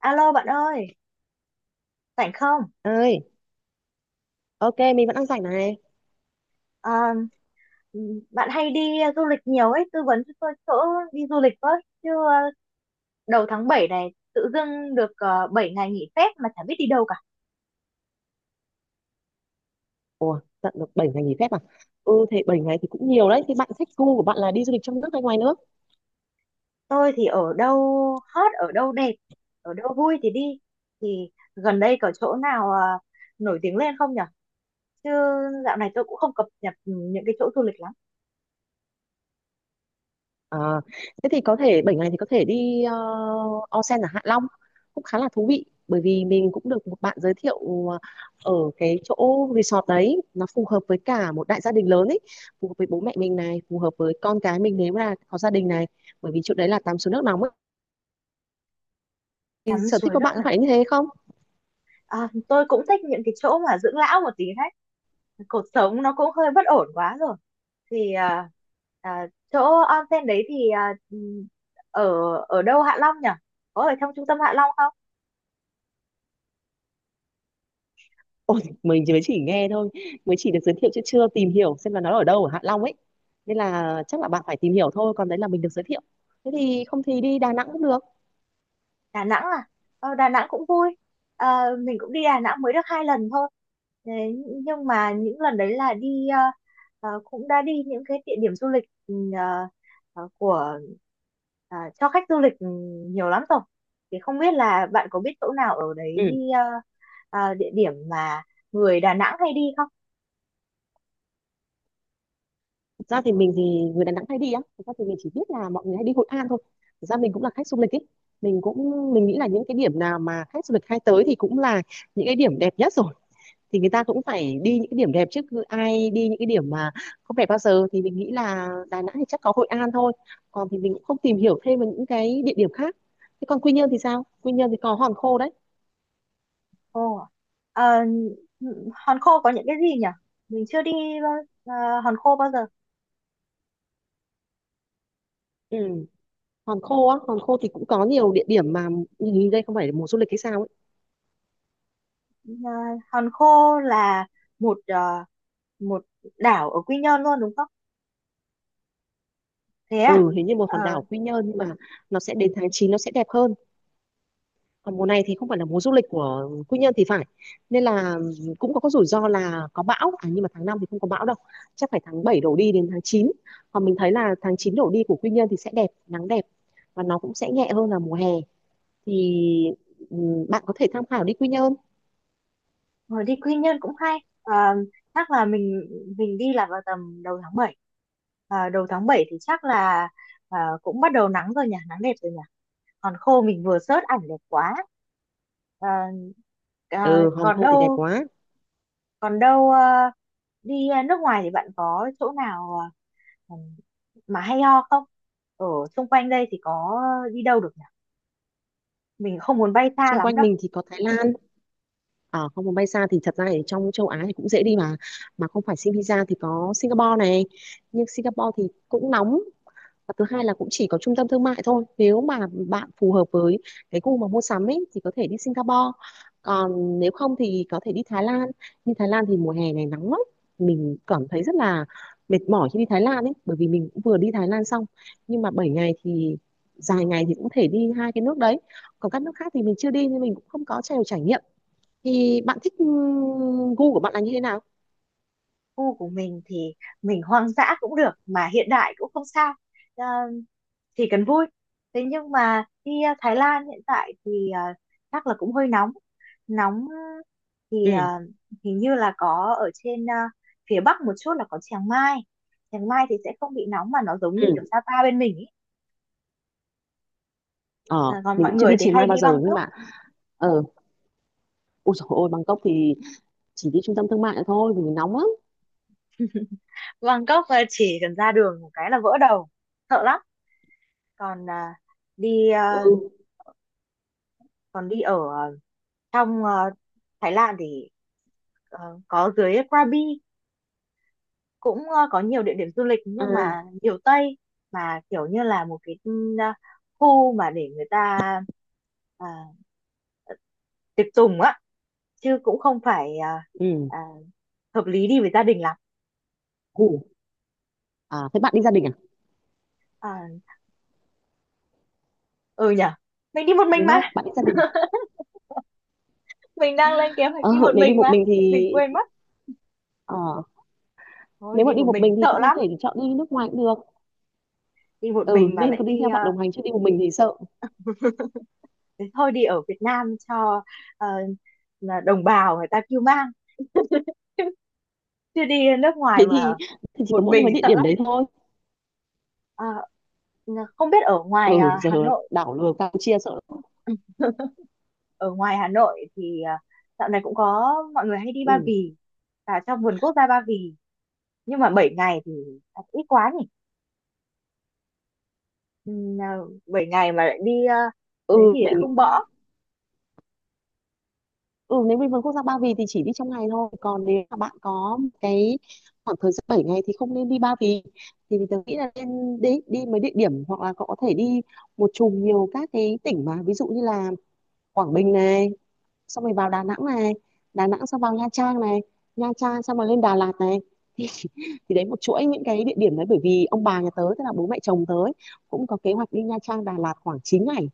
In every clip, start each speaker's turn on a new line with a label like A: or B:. A: Alo bạn ơi, rảnh không?
B: ơi. Ok, mình vẫn đang rảnh này.
A: Ờ, Bạn hay đi du lịch nhiều ấy, tư vấn cho tôi chỗ đi du lịch với. Chứ đầu tháng 7 này tự dưng được 7 ngày nghỉ phép mà chả biết đi đâu cả.
B: Ủa, tận được 7 ngày nghỉ phép à? Ừ, thế 7 ngày thì cũng nhiều đấy. Thì bạn thích, gu của bạn là đi du lịch trong nước hay ngoài nước?
A: Tôi thì ở đâu hot, ở đâu đẹp, ở đâu vui thì đi. Thì gần đây có chỗ nào nổi tiếng lên không nhở? Chứ dạo này tôi cũng không cập nhật những cái chỗ du lịch lắm.
B: À, thế thì có thể 7 ngày thì có thể đi onsen ở Hạ Long cũng khá là thú vị, bởi vì mình cũng được một bạn giới thiệu. Ờ, Ở cái chỗ resort đấy nó phù hợp với cả một đại gia đình lớn ấy, phù hợp với bố mẹ mình này, phù hợp với con cái mình nếu là có gia đình này, bởi vì chỗ đấy là tắm suối nước nóng ấy. Thì
A: Tắm
B: sở thích
A: suối
B: của
A: nước
B: bạn có phải
A: nóng.
B: như thế không?
A: À, tôi cũng thích những cái chỗ mà dưỡng lão một tí đấy. Cuộc sống nó cũng hơi bất ổn quá rồi. Thì à, chỗ onsen đấy thì ở ở đâu Hạ Long nhỉ? Có ở trong trung tâm Hạ Long không?
B: Ôi, mình chỉ mới chỉ nghe thôi, mới chỉ được giới thiệu chứ chưa tìm hiểu xem là nó ở đâu ở Hạ Long ấy, nên là chắc là bạn phải tìm hiểu thôi. Còn đấy là mình được giới thiệu. Thế thì không thì đi Đà Nẵng cũng được.
A: Đà Nẵng à, ờ, Đà Nẵng cũng vui. Ờ, mình cũng đi Đà Nẵng mới được hai lần thôi. Thế nhưng mà những lần đấy là đi cũng đã đi những cái địa điểm du lịch của cho khách du lịch nhiều lắm rồi, thì không biết là bạn có biết chỗ nào ở đấy
B: Ừ.
A: đi địa điểm mà người Đà Nẵng hay đi không?
B: Thực ra thì mình thì, người Đà Nẵng hay đi á, thực ra thì mình chỉ biết là mọi người hay đi Hội An thôi. Thực ra mình cũng là khách du lịch ấy. Mình cũng, mình nghĩ là những cái điểm nào mà khách du lịch hay tới thì cũng là những cái điểm đẹp nhất rồi. Thì người ta cũng phải đi những cái điểm đẹp chứ, cứ ai đi những cái điểm mà không đẹp bao giờ. Thì mình nghĩ là Đà Nẵng thì chắc có Hội An thôi, còn thì mình cũng không tìm hiểu thêm về những cái địa điểm khác. Thế còn Quy Nhơn thì sao? Quy Nhơn thì có Hòn Khô đấy.
A: Ồ, ờ, ừ, Hòn Khô có những cái gì nhỉ, mình chưa đi bao- Hòn Khô bao giờ.
B: Ừ. Hòn Khô á, Hòn Khô thì cũng có nhiều địa điểm mà, hình như đây không phải là mùa du lịch hay sao ấy.
A: Ờ, Hòn Khô là một ờ, một đảo ở Quy Nhơn luôn đúng không? Thế à?
B: Ừ, hình như một
A: Ờ,
B: hòn đảo Quy Nhơn, nhưng mà nó sẽ đến tháng 9 nó sẽ đẹp hơn. Còn mùa này thì không phải là mùa du lịch của Quy Nhơn thì phải, nên là cũng có cái rủi ro là có bão. À, nhưng mà tháng 5 thì không có bão đâu, chắc phải tháng 7 đổ đi đến tháng 9. Còn mình thấy là tháng 9 đổ đi của Quy Nhơn thì sẽ đẹp, nắng đẹp và nó cũng sẽ nhẹ hơn là mùa hè. Thì ừ, bạn có thể tham khảo đi Quy Nhơn.
A: hồi đi Quy Nhơn cũng hay. Ờ, chắc là mình đi là vào tầm đầu tháng 7. Ờ, đầu tháng 7 thì chắc là cũng bắt đầu nắng rồi nhỉ, nắng đẹp rồi nhỉ. Hòn Khô mình vừa search ảnh đẹp quá. Ờ, ờ,
B: Ừ, Hòn
A: Còn
B: Khô thì đẹp
A: đâu,
B: quá.
A: còn đâu đi nước ngoài thì bạn có chỗ nào ờ, mà hay ho không, ở xung quanh đây thì có đi đâu được nhỉ, mình không muốn bay xa
B: Xung
A: lắm
B: quanh
A: đâu.
B: mình thì có Thái Lan, ở không muốn bay xa thì thật ra ở trong châu Á thì cũng dễ đi mà. Mà không phải xin visa thì có Singapore này, nhưng Singapore thì cũng nóng, và thứ hai là cũng chỉ có trung tâm thương mại thôi. Nếu mà bạn phù hợp với cái gu mà mua sắm ấy thì có thể đi Singapore. Còn nếu không thì có thể đi Thái Lan, nhưng Thái Lan thì mùa hè này nắng lắm. Mình cảm thấy rất là mệt mỏi khi đi Thái Lan ấy, bởi vì mình cũng vừa đi Thái Lan xong. Nhưng mà 7 ngày thì dài ngày thì cũng thể đi hai cái nước đấy. Còn các nước khác thì mình chưa đi nên mình cũng không có nhiều trải nghiệm. Thì bạn thích gu của bạn là như thế nào?
A: Khu của mình thì mình hoang dã cũng được mà hiện đại cũng không sao. Ờ, chỉ cần vui. Thế nhưng mà đi Thái Lan hiện tại thì chắc là cũng hơi nóng nóng thì
B: Ừ.
A: hình như là có ở trên phía bắc một chút là có Chiang Mai. Chiang Mai thì sẽ không bị nóng mà nó giống như kiểu
B: Ừ.
A: Sapa bên mình ý.
B: Ờ,
A: Ờ, còn
B: mình
A: mọi
B: cũng chưa đi
A: người thì
B: Chiang
A: hay
B: Mai
A: đi
B: bao giờ nhưng
A: Bangkok.
B: mà. Ờ. Ôi dồi ôi, Bangkok thì chỉ đi trung tâm thương mại thôi vì nóng lắm.
A: Bangkok chỉ cần ra đường một cái là vỡ đầu, sợ lắm. Còn đi
B: Ừ.
A: à, còn đi ở trong à, Thái Lan thì có dưới Krabi cũng có nhiều địa điểm du lịch nhưng mà
B: À.
A: nhiều Tây, mà kiểu như là một cái khu mà để người ta à, tiệc tùng á, chứ cũng không phải
B: Ừ.
A: à, hợp lý đi với gia đình lắm.
B: Ngủ. À thế bạn đi gia đình à?
A: à, ừ nhở, mình đi một mình
B: Đúng
A: mà,
B: không, bạn đi gia đình?
A: mình đang lên kế hoạch đi
B: Ờ,
A: một
B: nếu đi
A: mình
B: một
A: mà,
B: mình thì.
A: mình quên mất.
B: Ờ,
A: Thôi
B: nếu mà
A: đi
B: đi
A: một
B: một
A: mình
B: mình thì
A: sợ
B: cũng có
A: lắm,
B: thể chọn đi nước ngoài cũng được.
A: đi một
B: Ừ,
A: mình mà
B: nên
A: lại
B: có đi
A: đi
B: theo bạn đồng hành, chứ đi một mình thì sợ.
A: ờ, thế thôi đi ở Việt Nam cho ờ, là đồng bào người ta kêu mang chứ, chứ đi nước
B: Thế
A: ngoài mà
B: thì chỉ
A: một
B: có mỗi
A: mình
B: mấy địa
A: sợ
B: điểm
A: lắm.
B: đấy thôi.
A: Ờ, không biết ở ngoài
B: Ừ giờ,
A: Hà Nội,
B: đảo lừa Campuchia sợ lắm.
A: ừ, ở ngoài Hà Nội thì dạo này cũng có mọi người hay đi Ba
B: Ừ.
A: Vì, cả trong vườn quốc gia Ba Vì, nhưng mà 7 ngày thì ít quá nhỉ. Ừm, à, 7 ngày mà lại đi đấy
B: Ừ,
A: thì lại
B: mình.
A: không bỏ.
B: Ừ, nếu mình vườn quốc gia Ba Vì thì chỉ đi trong ngày thôi. Còn nếu mà bạn có một cái khoảng thời gian 7 ngày thì không nên đi Ba Vì. Thì mình nghĩ là nên đi mấy địa điểm, hoặc là cậu có thể đi một chùm nhiều các cái tỉnh mà, ví dụ như là Quảng Bình này, xong rồi vào Đà Nẵng này, Đà Nẵng xong vào Nha Trang này, Nha Trang xong rồi lên Đà Lạt này. Thì, thì đấy một chuỗi những cái địa điểm đấy, bởi vì ông bà nhà tớ tức là bố mẹ chồng tớ ấy, cũng có kế hoạch đi Nha Trang Đà Lạt khoảng 9 ngày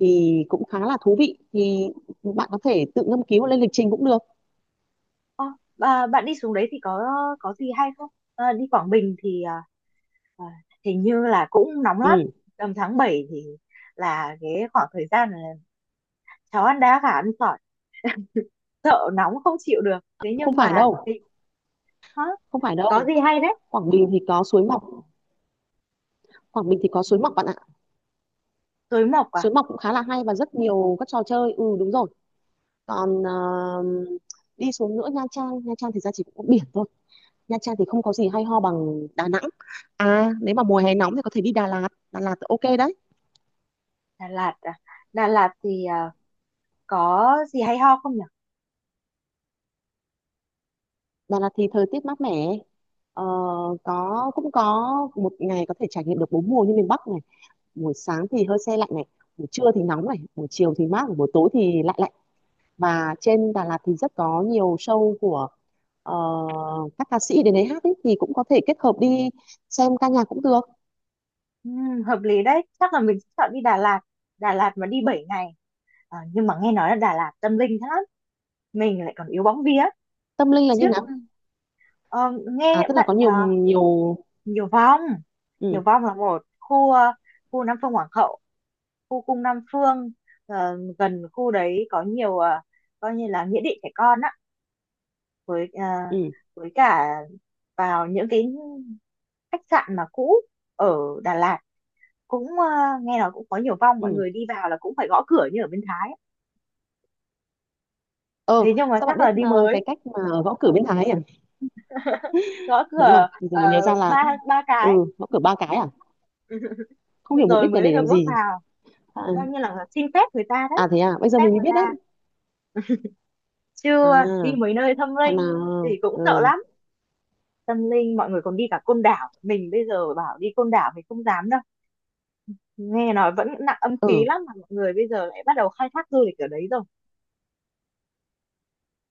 B: thì cũng khá là thú vị. Thì bạn có thể tự ngâm cứu lên lịch trình cũng được.
A: Ờ, bạn đi xuống đấy thì có gì hay không? Ờ, đi Quảng Bình thì Ờ, hình như là cũng nóng lắm,
B: Ừ,
A: tầm tháng 7 thì là cái khoảng thời gian là cháu ăn đá gà ăn sỏi, sợ nóng không chịu được, thế
B: không
A: nhưng
B: phải
A: mà
B: đâu,
A: thì hả?
B: không phải
A: Có
B: đâu.
A: gì hay đấy.
B: Quảng Bình thì có suối Mọc, Quảng Bình thì có suối Mọc bạn ạ.
A: Tối mộc à.
B: Suối Mọc cũng khá là hay và rất nhiều các trò chơi. Ừ đúng rồi. Còn đi xuống nữa Nha Trang, Nha Trang thì ra chỉ có biển thôi. Nha Trang thì không có gì hay ho bằng Đà Nẵng. À, nếu mà mùa hè nóng thì có thể đi Đà Lạt, Đà Lạt thì ok đấy.
A: Đà Lạt à, Đà Lạt thì có gì hay ho không nhỉ?
B: Đà Lạt thì thời tiết mát mẻ. Ờ, có cũng có một ngày có thể trải nghiệm được 4 mùa như miền Bắc này. Buổi sáng thì hơi se lạnh này, buổi trưa thì nóng này, buổi chiều thì mát, buổi tối thì lạnh lạnh và trên Đà Lạt thì rất có nhiều show của ờ, các ca sĩ đến đấy hát ấy, thì cũng có thể kết hợp đi xem ca nhạc cũng được.
A: Hợp lý đấy, chắc là mình sẽ chọn đi Đà Lạt. Đà Lạt mà đi 7 ngày. Ờ, nhưng mà nghe nói là Đà Lạt tâm linh thế lắm, mình lại còn yếu bóng vía
B: Tâm linh là như
A: trước,
B: nào?
A: ờ,
B: À
A: nghe
B: tức là
A: bạn
B: có nhiều nhiều.
A: Nhiều Vong. Nhiều
B: Ừ.
A: Vong là một khu khu Nam Phương Hoàng Hậu, khu cung Nam Phương, gần khu đấy có nhiều coi như là nghĩa địa trẻ con á, với
B: Ừ.
A: với cả vào những cái khách sạn mà cũ ở Đà Lạt cũng nghe nói cũng có nhiều vong, mọi
B: Ừ.
A: người đi vào là cũng phải gõ cửa như ở bên Thái.
B: Ờ,
A: Thế nhưng mà
B: sao bạn
A: chắc
B: biết
A: là đi
B: cái
A: mới
B: cách mà ở Võ Cử bên Thái ấy à?
A: gõ
B: Đúng rồi
A: cửa,
B: bây giờ mới nhớ ra là.
A: ba ba cái
B: Ừ, Võ Cử ba cái à, không hiểu mục
A: rồi
B: đích là
A: mới
B: để
A: được
B: làm
A: bước
B: gì.
A: vào,
B: À.
A: coi như là xin phép người ta đấy,
B: À thế à,
A: xin
B: bây giờ
A: phép
B: mình mới
A: người
B: biết đấy.
A: ta. Chưa đi
B: À.
A: mấy nơi thâm
B: Thằng
A: linh thì
B: nào.
A: cũng sợ
B: Ừ.
A: lắm. Tâm linh mọi người còn đi cả Côn Đảo, mình bây giờ bảo đi Côn Đảo mình không dám đâu, nghe nói vẫn nặng âm khí
B: Ừ,
A: lắm mà mọi người bây giờ lại bắt đầu khai thác du lịch ở đấy rồi.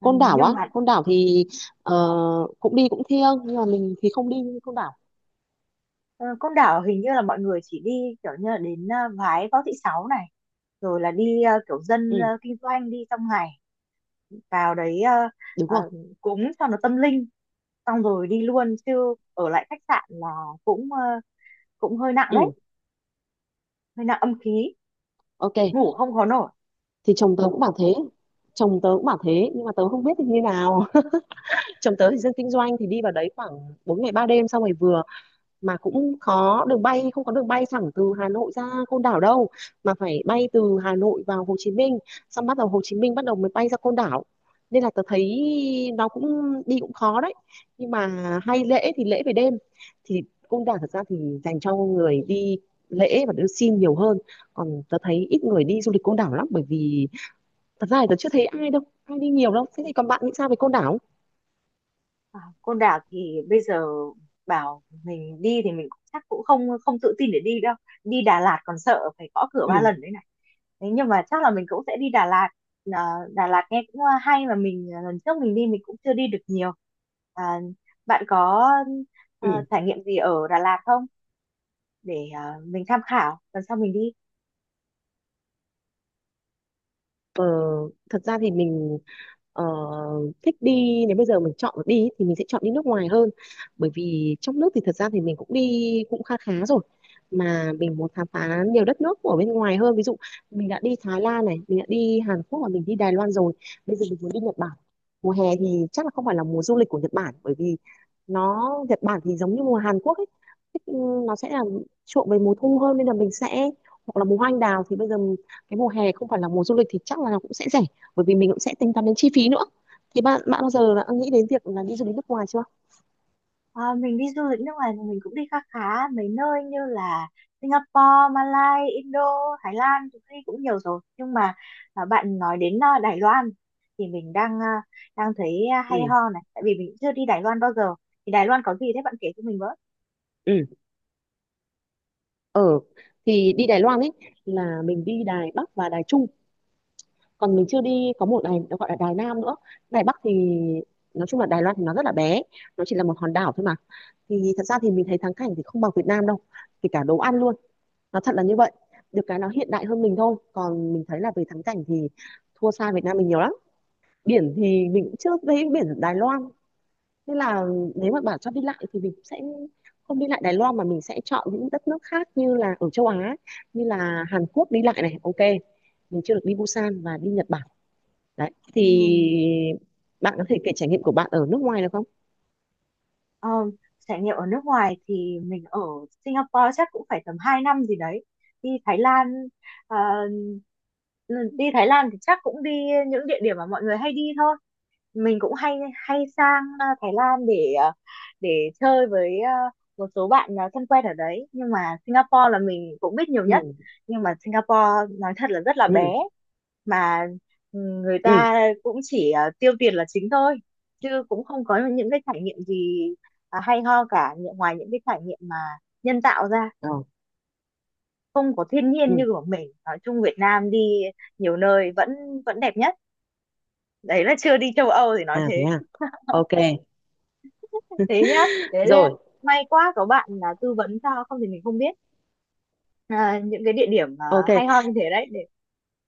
A: Ờ,
B: Côn Đảo
A: nhưng
B: á,
A: mà
B: Côn Đảo thì ờ, cũng đi cũng thiêng nhưng mà mình thì không đi Côn Đảo.
A: ờ, Côn Đảo hình như là mọi người chỉ đi kiểu như là đến Vái Võ Thị Sáu này, rồi là đi kiểu dân
B: Ừ
A: kinh doanh đi trong ngày, vào đấy
B: đúng
A: ờ,
B: rồi.
A: cúng cho nó tâm linh, xong rồi đi luôn chứ ở lại khách sạn là cũng cũng hơi nặng đấy,
B: Ừ,
A: hơi nặng âm khí,
B: ok.
A: ngủ không có nổi.
B: Thì chồng tớ cũng bảo thế. Chồng tớ cũng bảo thế, nhưng mà tớ không biết thì như nào. Chồng tớ thì dân kinh doanh thì đi vào đấy khoảng 4 ngày 3 đêm xong rồi vừa. Mà cũng có đường bay không, có đường bay thẳng từ Hà Nội ra Côn Đảo đâu, mà phải bay từ Hà Nội vào Hồ Chí Minh, xong bắt đầu Hồ Chí Minh bắt đầu mới bay ra Côn Đảo. Nên là tớ thấy nó cũng đi cũng khó đấy. Nhưng mà hay lễ thì lễ về đêm. Thì Côn Đảo thật ra thì dành cho người đi lễ và đưa xin nhiều hơn. Còn tớ thấy ít người đi du lịch Côn Đảo lắm, bởi vì thật ra thì tớ chưa thấy ai đâu, ai đi nhiều đâu. Thế thì còn bạn nghĩ sao về Côn Đảo?
A: À, Côn Đảo thì bây giờ bảo mình đi thì mình cũng chắc cũng không không tự tin để đi đâu. Đi Đà Lạt còn sợ phải gõ cửa
B: Ừ.
A: ba lần đấy này. Thế nhưng mà chắc là mình cũng sẽ đi Đà Lạt. À, Đà Lạt nghe cũng hay mà mình, lần trước mình đi mình cũng chưa đi được nhiều. À, bạn có
B: Ừ.
A: trải nghiệm gì ở Đà Lạt không để mình tham khảo lần sau mình đi.
B: ờ, Thật ra thì mình ờ, thích đi. Nếu bây giờ mình chọn được đi thì mình sẽ chọn đi nước ngoài hơn, bởi vì trong nước thì thật ra thì mình cũng đi cũng khá khá rồi. Mà mình muốn khám phá nhiều đất nước ở bên ngoài hơn, ví dụ mình đã đi Thái Lan này, mình đã đi Hàn Quốc và mình đi Đài Loan rồi, bây giờ mình muốn đi Nhật Bản. Mùa hè thì chắc là không phải là mùa du lịch của Nhật Bản, bởi vì nó Nhật Bản thì giống như mùa Hàn Quốc ấy. Thích- ừ, nó sẽ là chuộng về mùa thu hơn, nên là mình sẽ hoặc là mùa hoa anh đào. Thì bây giờ cái mùa hè không phải là mùa du lịch thì chắc là nó cũng sẽ rẻ, bởi vì mình cũng sẽ tính toán đến chi phí nữa. Thì bạn bạn bao giờ đã nghĩ đến việc là đi du lịch nước ngoài chưa?
A: Ờ, mình đi du lịch nước ngoài thì mình cũng đi khá khá mấy nơi như là Singapore, Malaysia, Indo, Thái Lan cũng đi cũng nhiều rồi. Nhưng mà bạn nói đến Đài Loan thì mình đang đang thấy
B: Ừ.
A: hay ho này, tại vì mình cũng chưa đi Đài Loan bao giờ. Thì Đài Loan có gì thế bạn kể cho mình với.
B: Ừ. Ở thì đi Đài Loan ấy là mình đi Đài Bắc và Đài Trung, còn mình chưa đi có một đài nó gọi là Đài Nam nữa. Đài Bắc thì, nói chung là Đài Loan thì nó rất là bé, nó chỉ là một hòn đảo thôi mà. Thì thật ra thì mình thấy thắng cảnh thì không bằng Việt Nam đâu, kể cả đồ ăn luôn. Nó thật là như vậy, được cái nó hiện đại hơn mình thôi. Còn mình thấy là về thắng cảnh thì thua xa Việt Nam mình nhiều lắm. Biển thì mình cũng chưa thấy biển Đài Loan, nên là nếu mà bảo cho đi lại thì mình sẽ không đi lại Đài Loan, mà mình sẽ chọn những đất nước khác như là ở châu Á, như là Hàn Quốc đi lại này ok. Mình chưa được đi Busan và đi Nhật Bản đấy. Thì
A: Ừm,
B: bạn có thể kể trải nghiệm của bạn ở nước ngoài được không?
A: ờ, Trải nghiệm ở nước ngoài thì mình ở Singapore chắc cũng phải tầm 2 năm gì đấy. Đi Thái Lan, à, đi Thái Lan thì chắc cũng đi những địa điểm mà mọi người hay đi thôi. Mình cũng hay hay sang Thái Lan để để chơi với một số bạn thân quen ở đấy, nhưng mà Singapore là mình cũng biết nhiều
B: Ừ.
A: nhất. Nhưng mà Singapore nói thật là rất là
B: Ừ.
A: bé mà ừ, người
B: Ừ.
A: ta cũng chỉ tiêu tiền là chính thôi, chứ cũng không có những cái trải nghiệm gì hay ho cả, những- ngoài những cái trải nghiệm mà nhân tạo ra,
B: Ờ.
A: không có thiên
B: Ừ.
A: nhiên như của mình. Nói chung Việt Nam đi nhiều nơi vẫn vẫn đẹp nhất, đấy là chưa đi châu Âu thì nói
B: À thế
A: thế.
B: à. Ok.
A: Thế nhá, thế là
B: Rồi.
A: may quá có bạn là tư vấn cho, không thì mình không biết những cái địa điểm
B: Ok.
A: hay ho như thế đấy để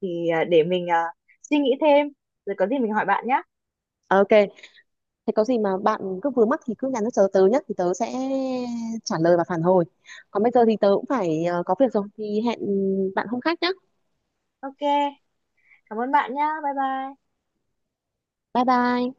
A: thì để mình suy nghĩ thêm, rồi có gì mình hỏi bạn nhá.
B: Ok, thế có gì mà bạn cứ vướng mắc thì cứ nhắn cho tớ, tớ nhất thì tớ sẽ trả lời và phản hồi. Còn bây giờ thì tớ cũng phải có việc rồi, thì hẹn bạn hôm khác nhé.
A: Ok, cảm ơn bạn nhá, bye bye.
B: Bye bye.